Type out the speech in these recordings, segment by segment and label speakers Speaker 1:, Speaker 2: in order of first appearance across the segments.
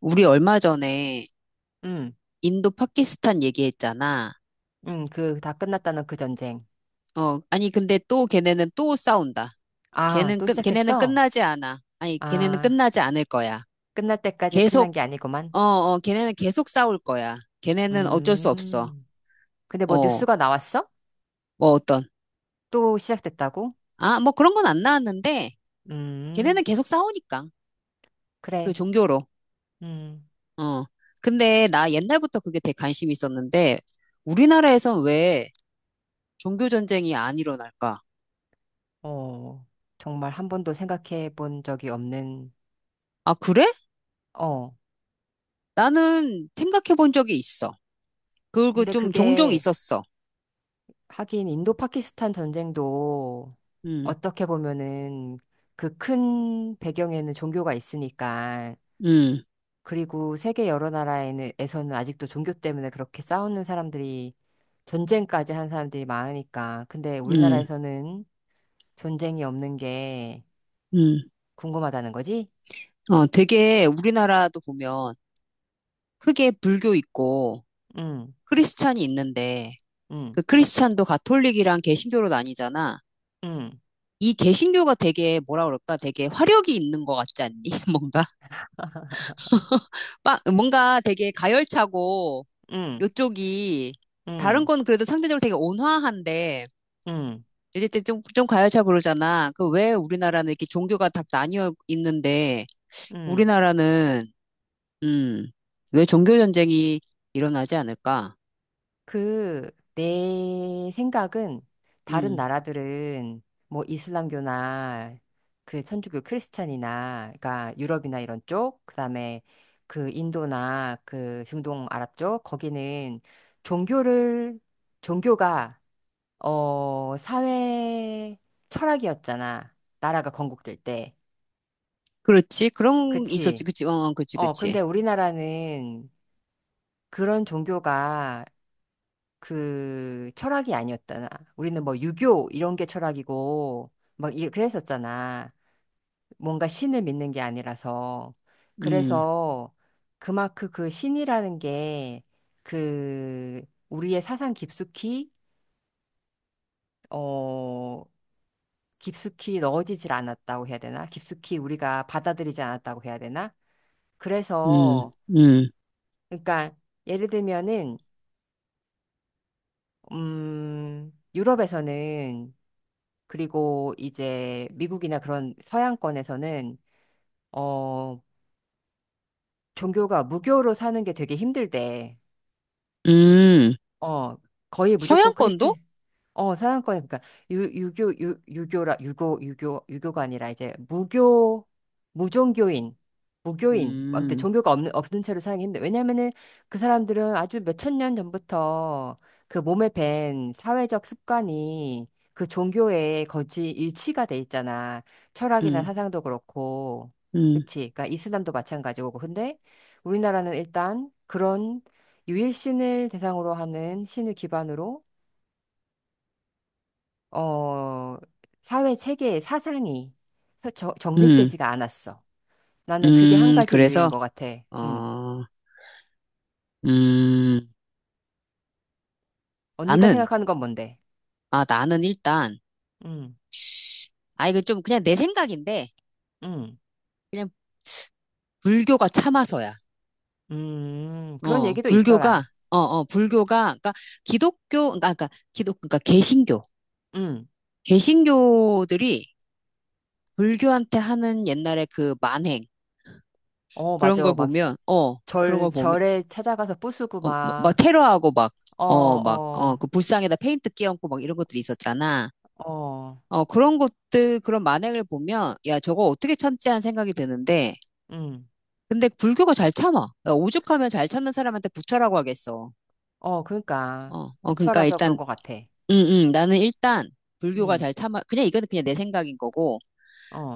Speaker 1: 우리 얼마 전에
Speaker 2: 응,
Speaker 1: 인도 파키스탄 얘기했잖아.
Speaker 2: 응, 그, 다 끝났다는 그 전쟁.
Speaker 1: 어, 아니 근데 또 걔네는 또 싸운다.
Speaker 2: 아, 또
Speaker 1: 걔네는
Speaker 2: 시작했어?
Speaker 1: 끝나지 않아. 아니 걔네는
Speaker 2: 아,
Speaker 1: 끝나지 않을 거야.
Speaker 2: 끝날 때까지 끝난
Speaker 1: 계속
Speaker 2: 게 아니구만.
Speaker 1: 어, 어, 걔네는 계속 싸울 거야. 걔네는 어쩔 수 없어.
Speaker 2: 음, 근데 뭐
Speaker 1: 어,
Speaker 2: 뉴스가 나왔어?
Speaker 1: 뭐 어떤
Speaker 2: 또 시작됐다고?
Speaker 1: 아, 뭐 그런 건 안 나왔는데
Speaker 2: 음,
Speaker 1: 걔네는 계속 싸우니까 그
Speaker 2: 그래.
Speaker 1: 종교로.
Speaker 2: 음,
Speaker 1: 어. 근데 나 옛날부터 그게 되게 관심이 있었는데 우리나라에선 왜 종교 전쟁이 안 일어날까?
Speaker 2: 어, 정말 한 번도 생각해 본 적이 없는,
Speaker 1: 아, 그래?
Speaker 2: 어.
Speaker 1: 나는 생각해 본 적이 있어. 그리고
Speaker 2: 근데
Speaker 1: 좀 종종
Speaker 2: 그게,
Speaker 1: 있었어.
Speaker 2: 하긴 인도 파키스탄 전쟁도
Speaker 1: 음,
Speaker 2: 어떻게 보면은 그 큰 배경에는 종교가 있으니까
Speaker 1: 음,
Speaker 2: 그리고 세계 여러 나라에서는 아직도 종교 때문에 그렇게 싸우는 사람들이 전쟁까지 한 사람들이 많으니까. 근데
Speaker 1: 음,
Speaker 2: 우리나라에서는 전쟁이 없는 게
Speaker 1: 음.
Speaker 2: 궁금하다는 거지?
Speaker 1: 어, 되게 우리나라도 보면 크게 불교 있고
Speaker 2: 응,
Speaker 1: 크리스찬이 있는데
Speaker 2: 응,
Speaker 1: 그 크리스찬도 가톨릭이랑 개신교로 나뉘잖아.
Speaker 2: 응,
Speaker 1: 이 개신교가 되게 뭐라 그럴까? 되게 화력이 있는 것 같지 않니? 뭔가 뭔가 되게 가열차고
Speaker 2: 응,
Speaker 1: 요쪽이 다른
Speaker 2: 응,
Speaker 1: 건 그래도 상대적으로 되게 온화한데
Speaker 2: 응,
Speaker 1: 이제 좀 가열차 그러잖아. 그 왜 우리나라는 이렇게 종교가 다 나뉘어 있는데,
Speaker 2: 응.
Speaker 1: 우리나라는, 음, 왜 종교 전쟁이 일어나지 않을까?
Speaker 2: 그, 내 생각은 다른
Speaker 1: 음,
Speaker 2: 나라들은 뭐 이슬람교나 그 천주교 크리스찬이나, 그러니까 유럽이나 이런 쪽, 그다음에 그 인도나 그 중동 아랍 쪽 거기는 종교를 종교가 어 사회 철학이었잖아, 나라가 건국될 때.
Speaker 1: 그렇지. 그런, 게 있었지.
Speaker 2: 그치?
Speaker 1: 그치. 어, 어, 그치,
Speaker 2: 어 근데
Speaker 1: 그치.
Speaker 2: 우리나라는 그런 종교가, 그 철학이 아니었잖아. 우리는 뭐 유교 이런 게 철학이고 그랬었잖아. 뭔가 신을 믿는 게 아니라서.
Speaker 1: 음,
Speaker 2: 그래서 그만큼 그 신이라는 게 그 우리의 사상 깊숙이 어 깊숙이 넣어지질 않았다고 해야 되나? 깊숙이 우리가 받아들이지 않았다고 해야 되나?
Speaker 1: 음,
Speaker 2: 그래서
Speaker 1: 음,
Speaker 2: 그러니까 예를 들면은 유럽에서는, 그리고 이제 미국이나 그런 서양권에서는 어 종교가 무교로 사는 게 되게 힘들대.
Speaker 1: 음.
Speaker 2: 어, 거의 무조건
Speaker 1: 서양권도?
Speaker 2: 크리스천. 어, 서양권 그러니까 유, 유교 유, 유교라 유교 유교 유교가 아니라 이제 무교, 무종교인, 무교인, 아무튼
Speaker 1: 음,
Speaker 2: 종교가 없는 채로 사용이 힘들. 왜냐면은 그 사람들은 아주 몇천 년 전부터 그 몸에 밴 사회적 습관이 그 종교에 거의 일치가 돼 있잖아. 철학이나
Speaker 1: 음,
Speaker 2: 사상도 그렇고.
Speaker 1: 음,
Speaker 2: 그치? 그러니까 이슬람도 마찬가지고. 근데 우리나라는 일단 그런 유일신을 대상으로 하는 신을 기반으로 어, 사회 체계의 사상이
Speaker 1: 음,
Speaker 2: 정립되지가 않았어. 나는 그게 한 가지
Speaker 1: 그래서,
Speaker 2: 이유인 것 같아. 음.
Speaker 1: 어, 음,
Speaker 2: 언니가
Speaker 1: 나는,
Speaker 2: 생각하는 건 뭔데?
Speaker 1: 아, 나는 일단,
Speaker 2: 음,
Speaker 1: 아, 이거 좀 그냥 내 생각인데,
Speaker 2: 음,
Speaker 1: 그냥 불교가 참아서야.
Speaker 2: 그런
Speaker 1: 어,
Speaker 2: 얘기도
Speaker 1: 불교가,
Speaker 2: 있더라.
Speaker 1: 어, 어, 불교가, 그러니까 기독교, 그러니까, 그러니까 기독, 그러니까 개신교,
Speaker 2: 음,
Speaker 1: 개신교들이 불교한테 하는 옛날에 그 만행,
Speaker 2: 어,
Speaker 1: 그런
Speaker 2: 맞아.
Speaker 1: 걸
Speaker 2: 막
Speaker 1: 보면, 어, 그런 걸 보면,
Speaker 2: 절에 찾아가서 부수고
Speaker 1: 어, 뭐, 막
Speaker 2: 막,
Speaker 1: 테러하고 막,
Speaker 2: 어,
Speaker 1: 어, 막, 어,
Speaker 2: 어,
Speaker 1: 그 불상에다 페인트 끼얹고 막 이런 것들이 있었잖아.
Speaker 2: 어,
Speaker 1: 어, 그런 것들, 그런 만행을 보면, 야, 저거 어떻게 참지 하는 생각이 드는데,
Speaker 2: 음,
Speaker 1: 근데 불교가 잘 참아. 그러니까 오죽하면 잘 참는 사람한테 부처라고 하겠어.
Speaker 2: 어, 그러니까.
Speaker 1: 어, 어, 그러니까
Speaker 2: 부처라서 그런
Speaker 1: 일단
Speaker 2: 것 같아.
Speaker 1: 음, 나는 일단 불교가
Speaker 2: 음,
Speaker 1: 잘 참아, 그냥 이거는 그냥 내 생각인 거고,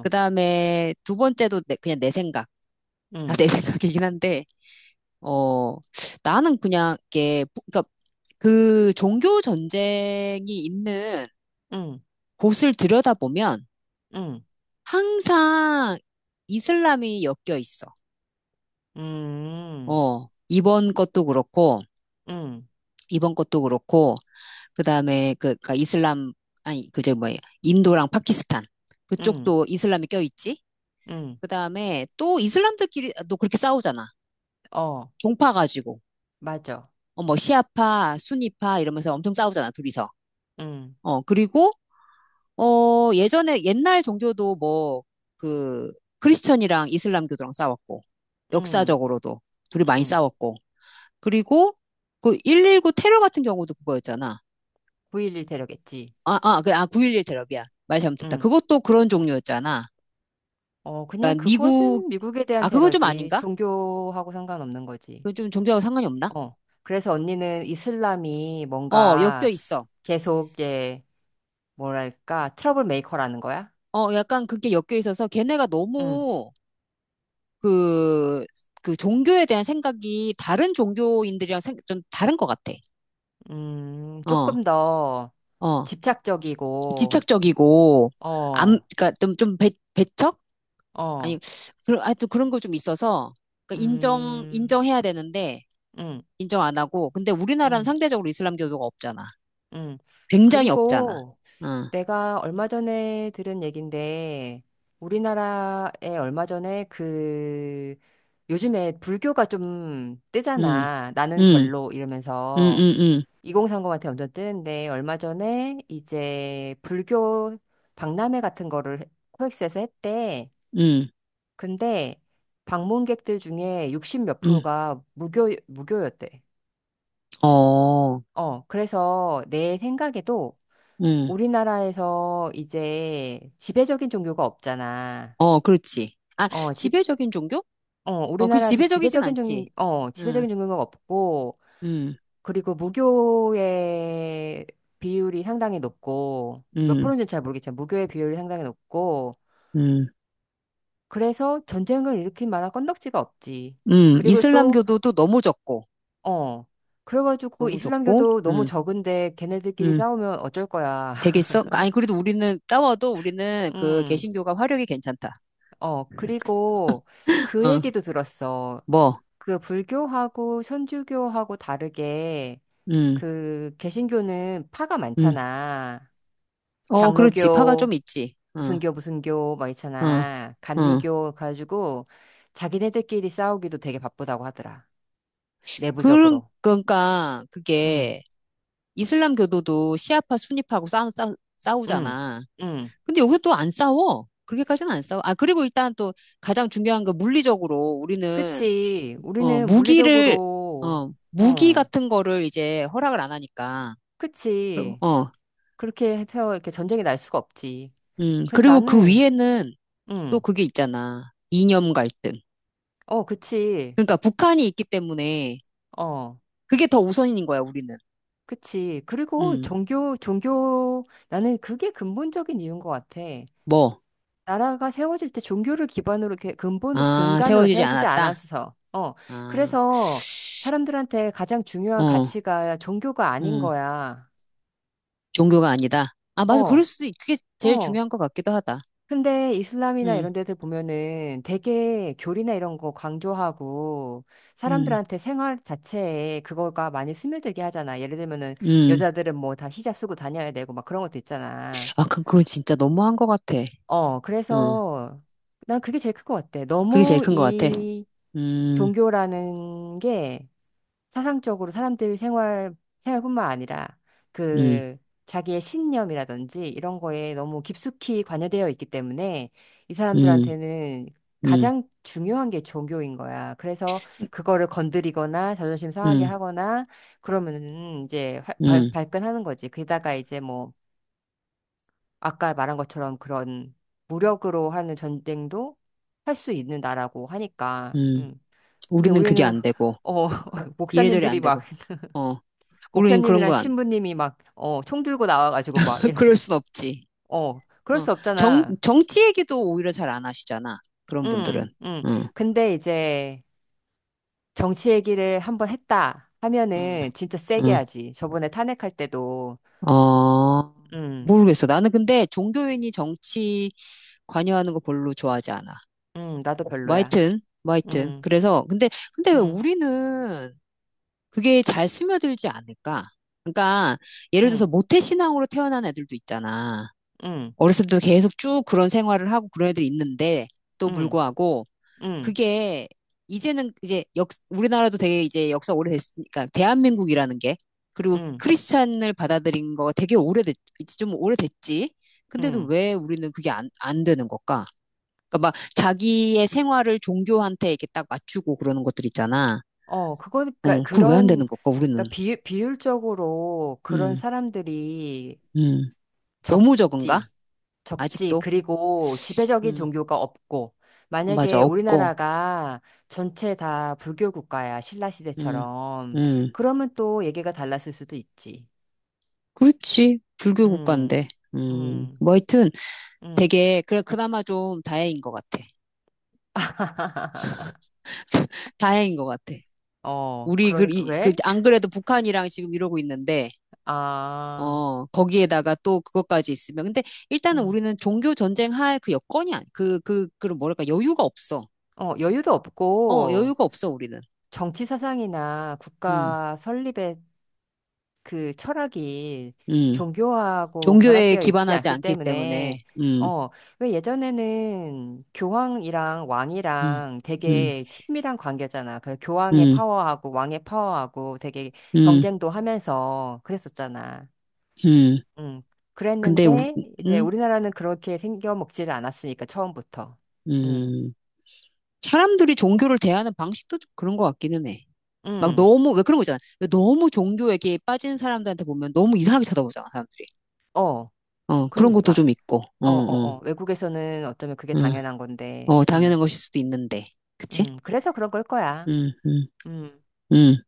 Speaker 1: 그 다음에 두 번째도 그냥 내 생각, 다
Speaker 2: 음,
Speaker 1: 내 생각이긴 한데, 어, 나는 그냥 이게, 그러니까 그 종교 전쟁이 있는
Speaker 2: 음,
Speaker 1: 곳을 들여다보면
Speaker 2: 음,
Speaker 1: 항상 이슬람이 엮여 있어.
Speaker 2: 음.
Speaker 1: 어, 이번 것도 그렇고,
Speaker 2: 응,
Speaker 1: 이번 것도 그렇고, 그 다음에 그, 그러니까 이슬람, 아니, 그저 뭐야, 인도랑 파키스탄.
Speaker 2: 응,
Speaker 1: 그쪽도 이슬람이 껴있지?
Speaker 2: 응,
Speaker 1: 그다음에 또 이슬람들끼리도 그렇게 싸우잖아.
Speaker 2: 어,
Speaker 1: 종파 가지고.
Speaker 2: 맞아.
Speaker 1: 어, 뭐 시아파, 수니파 이러면서 엄청 싸우잖아, 둘이서.
Speaker 2: 응,
Speaker 1: 어, 그리고 어, 예전에 옛날 종교도 뭐 그 크리스천이랑 이슬람교도랑 싸웠고
Speaker 2: 응,
Speaker 1: 역사적으로도 둘이 많이
Speaker 2: 응.
Speaker 1: 싸웠고. 그리고 그 119 테러 같은 경우도 그거였잖아.
Speaker 2: 9.11 테러겠지.
Speaker 1: 아, 아, 그, 아, 9.11 테러비야. 말 잘못했다.
Speaker 2: 응.
Speaker 1: 그것도 그런 종류였잖아.
Speaker 2: 어, 그냥
Speaker 1: 그러니까 미국,
Speaker 2: 그거는 미국에 대한
Speaker 1: 아, 그건 좀
Speaker 2: 테러지.
Speaker 1: 아닌가?
Speaker 2: 종교하고 상관없는 거지.
Speaker 1: 그건 좀 종교하고 상관이 없나?
Speaker 2: 어. 그래서 언니는 이슬람이
Speaker 1: 어, 엮여
Speaker 2: 뭔가
Speaker 1: 있어.
Speaker 2: 계속, 예, 뭐랄까, 트러블 메이커라는 거야?
Speaker 1: 어, 약간 그게 엮여 있어서 걔네가
Speaker 2: 응,
Speaker 1: 너무 그, 그 종교에 대한 생각이 다른 종교인들이랑 좀 다른 것 같아. 어,
Speaker 2: 조금 더
Speaker 1: 어.
Speaker 2: 집착적이고,
Speaker 1: 집착적이고, 암,
Speaker 2: 어,
Speaker 1: 그니까 좀, 좀 배, 배척?
Speaker 2: 어,
Speaker 1: 아니, 그런, 하여튼 그런 거 좀 있어서, 그 인정,
Speaker 2: 음,
Speaker 1: 인정해야 되는데,
Speaker 2: 음,
Speaker 1: 인정 안 하고, 근데 우리나라는
Speaker 2: 음,
Speaker 1: 상대적으로 이슬람교도가 없잖아.
Speaker 2: 음.
Speaker 1: 굉장히 없잖아.
Speaker 2: 그리고,
Speaker 1: 응,
Speaker 2: 내가 얼마 전에 들은 얘긴데, 우리나라에 얼마 전에 그, 요즘에 불교가 좀
Speaker 1: 응,
Speaker 2: 뜨잖아. 나는
Speaker 1: 응,
Speaker 2: 절로
Speaker 1: 응,
Speaker 2: 이러면서
Speaker 1: 응, 응,
Speaker 2: 2030한테 완전 뜨는데, 얼마 전에 이제 불교 박람회 같은 거를 코엑스에서 했대.
Speaker 1: 응,
Speaker 2: 근데 방문객들 중에 60몇
Speaker 1: 응,
Speaker 2: 프로가 무교, 무교였대.
Speaker 1: 어,
Speaker 2: 어, 그래서 내 생각에도
Speaker 1: 응.
Speaker 2: 우리나라에서 이제 지배적인 종교가 없잖아.
Speaker 1: 어, 그렇지. 아,
Speaker 2: 어, 집,
Speaker 1: 지배적인 종교?
Speaker 2: 어,
Speaker 1: 어, 그
Speaker 2: 우리나라에서
Speaker 1: 지배적이진 않지.
Speaker 2: 어,
Speaker 1: 응,
Speaker 2: 지배적인 종교가 없고,
Speaker 1: 응,
Speaker 2: 그리고 무교의 비율이 상당히 높고, 몇
Speaker 1: 응,
Speaker 2: 프로인지 잘 모르겠지만, 무교의 비율이 상당히 높고,
Speaker 1: 응,
Speaker 2: 그래서 전쟁을 일으킨 만한 건덕지가 없지.
Speaker 1: 응.
Speaker 2: 그리고 또,
Speaker 1: 이슬람교도 또 너무 적고,
Speaker 2: 어, 그래가지고
Speaker 1: 너무 적고,
Speaker 2: 이슬람교도 너무
Speaker 1: 응,
Speaker 2: 적은데 걔네들끼리
Speaker 1: 응.
Speaker 2: 싸우면 어쩔 거야.
Speaker 1: 되겠어? 아니, 그래도 우리는 따워도 우리는 그
Speaker 2: 음,
Speaker 1: 개신교가 화력이 괜찮다.
Speaker 2: 어, 그리고 그
Speaker 1: 어,
Speaker 2: 얘기도 들었어.
Speaker 1: 뭐,
Speaker 2: 그 불교하고 천주교하고 다르게
Speaker 1: 응,
Speaker 2: 그 개신교는 파가
Speaker 1: 응.
Speaker 2: 많잖아.
Speaker 1: 어, 그렇지. 파가 좀
Speaker 2: 장로교,
Speaker 1: 있지. 응,
Speaker 2: 무슨 교 무슨 교 막
Speaker 1: 응,
Speaker 2: 있잖아.
Speaker 1: 응.
Speaker 2: 감리교 가지고 자기네들끼리 싸우기도 되게 바쁘다고 하더라,
Speaker 1: 그,
Speaker 2: 내부적으로.
Speaker 1: 그러니까
Speaker 2: 응.
Speaker 1: 그게 이슬람교도도 시아파, 순위파하고
Speaker 2: 응.
Speaker 1: 싸우잖아.
Speaker 2: 응.
Speaker 1: 근데 여기서 또 안 싸워. 그렇게까지는 안 싸워. 아, 그리고 일단 또 가장 중요한 건 물리적으로 우리는,
Speaker 2: 그치.
Speaker 1: 어,
Speaker 2: 우리는
Speaker 1: 무기를,
Speaker 2: 물리적으로
Speaker 1: 어, 무기
Speaker 2: 응.
Speaker 1: 같은 거를 이제 허락을 안 하니까. 그럼,
Speaker 2: 그치.
Speaker 1: 어,
Speaker 2: 그렇게 해서 이렇게 전쟁이 날 수가 없지. 근데
Speaker 1: 그리고 그
Speaker 2: 나는
Speaker 1: 위에는 또
Speaker 2: 응.
Speaker 1: 그게 있잖아. 이념 갈등.
Speaker 2: 어, 그치.
Speaker 1: 그러니까 북한이 있기 때문에
Speaker 2: 어.
Speaker 1: 그게 더 우선인 거야, 우리는.
Speaker 2: 그치. 그리고
Speaker 1: 음,
Speaker 2: 나는 그게 근본적인 이유인 것 같아.
Speaker 1: 뭐.
Speaker 2: 나라가 세워질 때 종교를 기반으로, 이렇게
Speaker 1: 아,
Speaker 2: 근간으로
Speaker 1: 세워지지
Speaker 2: 세워지지
Speaker 1: 않았다.
Speaker 2: 않아서. 어.
Speaker 1: 아,
Speaker 2: 그래서 사람들한테 가장 중요한
Speaker 1: 어,
Speaker 2: 가치가 종교가 아닌
Speaker 1: 음,
Speaker 2: 거야.
Speaker 1: 종교가 아니다. 아, 맞아. 그럴
Speaker 2: 어,
Speaker 1: 수도, 그게 제일
Speaker 2: 어.
Speaker 1: 중요한 것 같기도 하다.
Speaker 2: 근데 이슬람이나
Speaker 1: 음,
Speaker 2: 이런 데들 보면은 되게 교리나 이런 거 강조하고
Speaker 1: 음.
Speaker 2: 사람들한테 생활 자체에 그거가 많이 스며들게 하잖아. 예를 들면은
Speaker 1: 음.
Speaker 2: 여자들은 뭐 다 히잡 쓰고 다녀야 되고 막 그런 것도 있잖아.
Speaker 1: 아, 그, 그건 진짜 너무한 것 같아.
Speaker 2: 어,
Speaker 1: 응.
Speaker 2: 그래서 난 그게 제일 큰 것 같아.
Speaker 1: 그게 제일
Speaker 2: 너무
Speaker 1: 큰 것 같아.
Speaker 2: 이
Speaker 1: 음,
Speaker 2: 종교라는 게 사상적으로 사람들 생활뿐만 아니라
Speaker 1: 음,
Speaker 2: 그 자기의 신념이라든지 이런 거에 너무 깊숙이 관여되어 있기 때문에 이
Speaker 1: 음,
Speaker 2: 사람들한테는
Speaker 1: 음,
Speaker 2: 가장 중요한 게 종교인 거야. 그래서 그거를 건드리거나 자존심 상하게
Speaker 1: 음,
Speaker 2: 하거나 그러면은 이제
Speaker 1: 음,
Speaker 2: 발끈하는 거지. 게다가 이제 뭐 아까 말한 것처럼 그런 무력으로 하는 전쟁도 할 수 있는 나라고 하니까.
Speaker 1: 음.
Speaker 2: 음. 근데
Speaker 1: 우리는 그게
Speaker 2: 우리는
Speaker 1: 안 되고,
Speaker 2: 어
Speaker 1: 이래저래
Speaker 2: 목사님들이
Speaker 1: 안
Speaker 2: 막
Speaker 1: 되고, 어. 우리는 그런
Speaker 2: 목사님이랑
Speaker 1: 거 안,
Speaker 2: 신부님이 막 어 총 들고 나와가지고 막
Speaker 1: 그럴
Speaker 2: 이러면
Speaker 1: 순 없지.
Speaker 2: 어 그럴
Speaker 1: 어.
Speaker 2: 수
Speaker 1: 정,
Speaker 2: 없잖아.
Speaker 1: 정치 얘기도 오히려 잘 안 하시잖아. 그런 분들은.
Speaker 2: 음, 음.
Speaker 1: 응,
Speaker 2: 근데 이제 정치 얘기를 한번 했다
Speaker 1: 응,
Speaker 2: 하면은 진짜 세게
Speaker 1: 응.
Speaker 2: 하지. 저번에 탄핵할 때도
Speaker 1: 어,
Speaker 2: 음,
Speaker 1: 모르겠어. 나는 근데 종교인이 정치 관여하는 거 별로 좋아하지 않아.
Speaker 2: 나도
Speaker 1: 뭐
Speaker 2: 별로야.
Speaker 1: 하여튼, 뭐 하여튼.
Speaker 2: 음,
Speaker 1: 그래서, 근데, 근데 왜
Speaker 2: 음,
Speaker 1: 우리는 그게 잘 스며들지 않을까? 그러니까 예를 들어서
Speaker 2: 음,
Speaker 1: 모태 신앙으로 태어난 애들도 있잖아.
Speaker 2: 음,
Speaker 1: 어렸을 때도 계속 쭉 그런 생활을 하고 그런 애들이 있는데 또
Speaker 2: 음,
Speaker 1: 불구하고
Speaker 2: 음,
Speaker 1: 그게 이제는 이제 역 우리나라도 되게 이제 역사 오래됐으니까 대한민국이라는 게 그리고
Speaker 2: 음,
Speaker 1: 크리스찬을 받아들인 거 되게 오래됐 좀 오래됐지. 근데도
Speaker 2: 음.
Speaker 1: 왜 우리는 그게 안, 안 되는 걸까? 그러니까 막 자기의 생활을 종교한테 이렇게 딱 맞추고 그러는 것들 있잖아.
Speaker 2: 어, 그거, 그러니까
Speaker 1: 어, 그거 왜 안
Speaker 2: 그런,
Speaker 1: 되는 걸까, 우리는?
Speaker 2: 그러니까 비율적으로 그런
Speaker 1: 음.
Speaker 2: 사람들이
Speaker 1: 음, 너무 적은가?
Speaker 2: 적지. 적지.
Speaker 1: 아직도?
Speaker 2: 그리고 지배적인
Speaker 1: 음,
Speaker 2: 종교가 없고,
Speaker 1: 어, 맞아,
Speaker 2: 만약에
Speaker 1: 없고.
Speaker 2: 우리나라가 전체 다 불교 국가야, 신라
Speaker 1: 음,
Speaker 2: 시대처럼.
Speaker 1: 음,
Speaker 2: 그러면 또 얘기가 달랐을 수도 있지.
Speaker 1: 그렇지. 불교
Speaker 2: 음,
Speaker 1: 국가인데.
Speaker 2: 음,
Speaker 1: 뭐 하여튼
Speaker 2: 음.
Speaker 1: 되게, 그래, 그나마 좀 다행인 것 같아. 다행인 것 같아.
Speaker 2: 어,
Speaker 1: 우리, 그,
Speaker 2: 그러니까,
Speaker 1: 그,
Speaker 2: 왜?
Speaker 1: 안 그래도 북한이랑 지금 이러고 있는데,
Speaker 2: 아,
Speaker 1: 어, 거기에다가 또 그것까지 있으면. 근데 일단은
Speaker 2: 음.
Speaker 1: 우리는 종교 전쟁할 그 여건이 안, 그런 뭐랄까, 여유가 없어.
Speaker 2: 어, 여유도
Speaker 1: 어,
Speaker 2: 없고,
Speaker 1: 여유가 없어, 우리는.
Speaker 2: 정치 사상이나
Speaker 1: 음,
Speaker 2: 국가 설립에 그 철학이
Speaker 1: 음.
Speaker 2: 종교하고
Speaker 1: 종교에
Speaker 2: 결합되어 있지
Speaker 1: 기반하지
Speaker 2: 않기
Speaker 1: 않기 때문에.
Speaker 2: 때문에,
Speaker 1: 음,
Speaker 2: 어, 왜 예전에는 교황이랑
Speaker 1: 음,
Speaker 2: 왕이랑
Speaker 1: 음.
Speaker 2: 되게 친밀한 관계잖아. 그 교황의
Speaker 1: 음.
Speaker 2: 파워하고 왕의 파워하고 되게
Speaker 1: 음,
Speaker 2: 경쟁도 하면서 그랬었잖아.
Speaker 1: 음.
Speaker 2: 응.
Speaker 1: 근데,
Speaker 2: 그랬는데, 이제
Speaker 1: 음,
Speaker 2: 우리나라는 그렇게 생겨 먹지를 않았으니까, 처음부터. 응,
Speaker 1: 음. 사람들이 종교를 대하는 방식도 좀 그런 것 같기는 해. 막
Speaker 2: 응,
Speaker 1: 너무, 왜 그런 거 있잖아. 왜 너무 종교에게 빠진 사람들한테 보면 너무 이상하게 쳐다보잖아, 사람들이.
Speaker 2: 어,
Speaker 1: 어, 그런 것도
Speaker 2: 그러니까.
Speaker 1: 좀 있고. 응,
Speaker 2: 어, 어,
Speaker 1: 응,
Speaker 2: 어. 외국에서는 어쩌면 그게
Speaker 1: 응.
Speaker 2: 당연한 건데,
Speaker 1: 어, 당연한 것일 수도 있는데. 그치?
Speaker 2: 그래서 그런 걸 거야.
Speaker 1: 응, 응,
Speaker 2: 음.
Speaker 1: 응.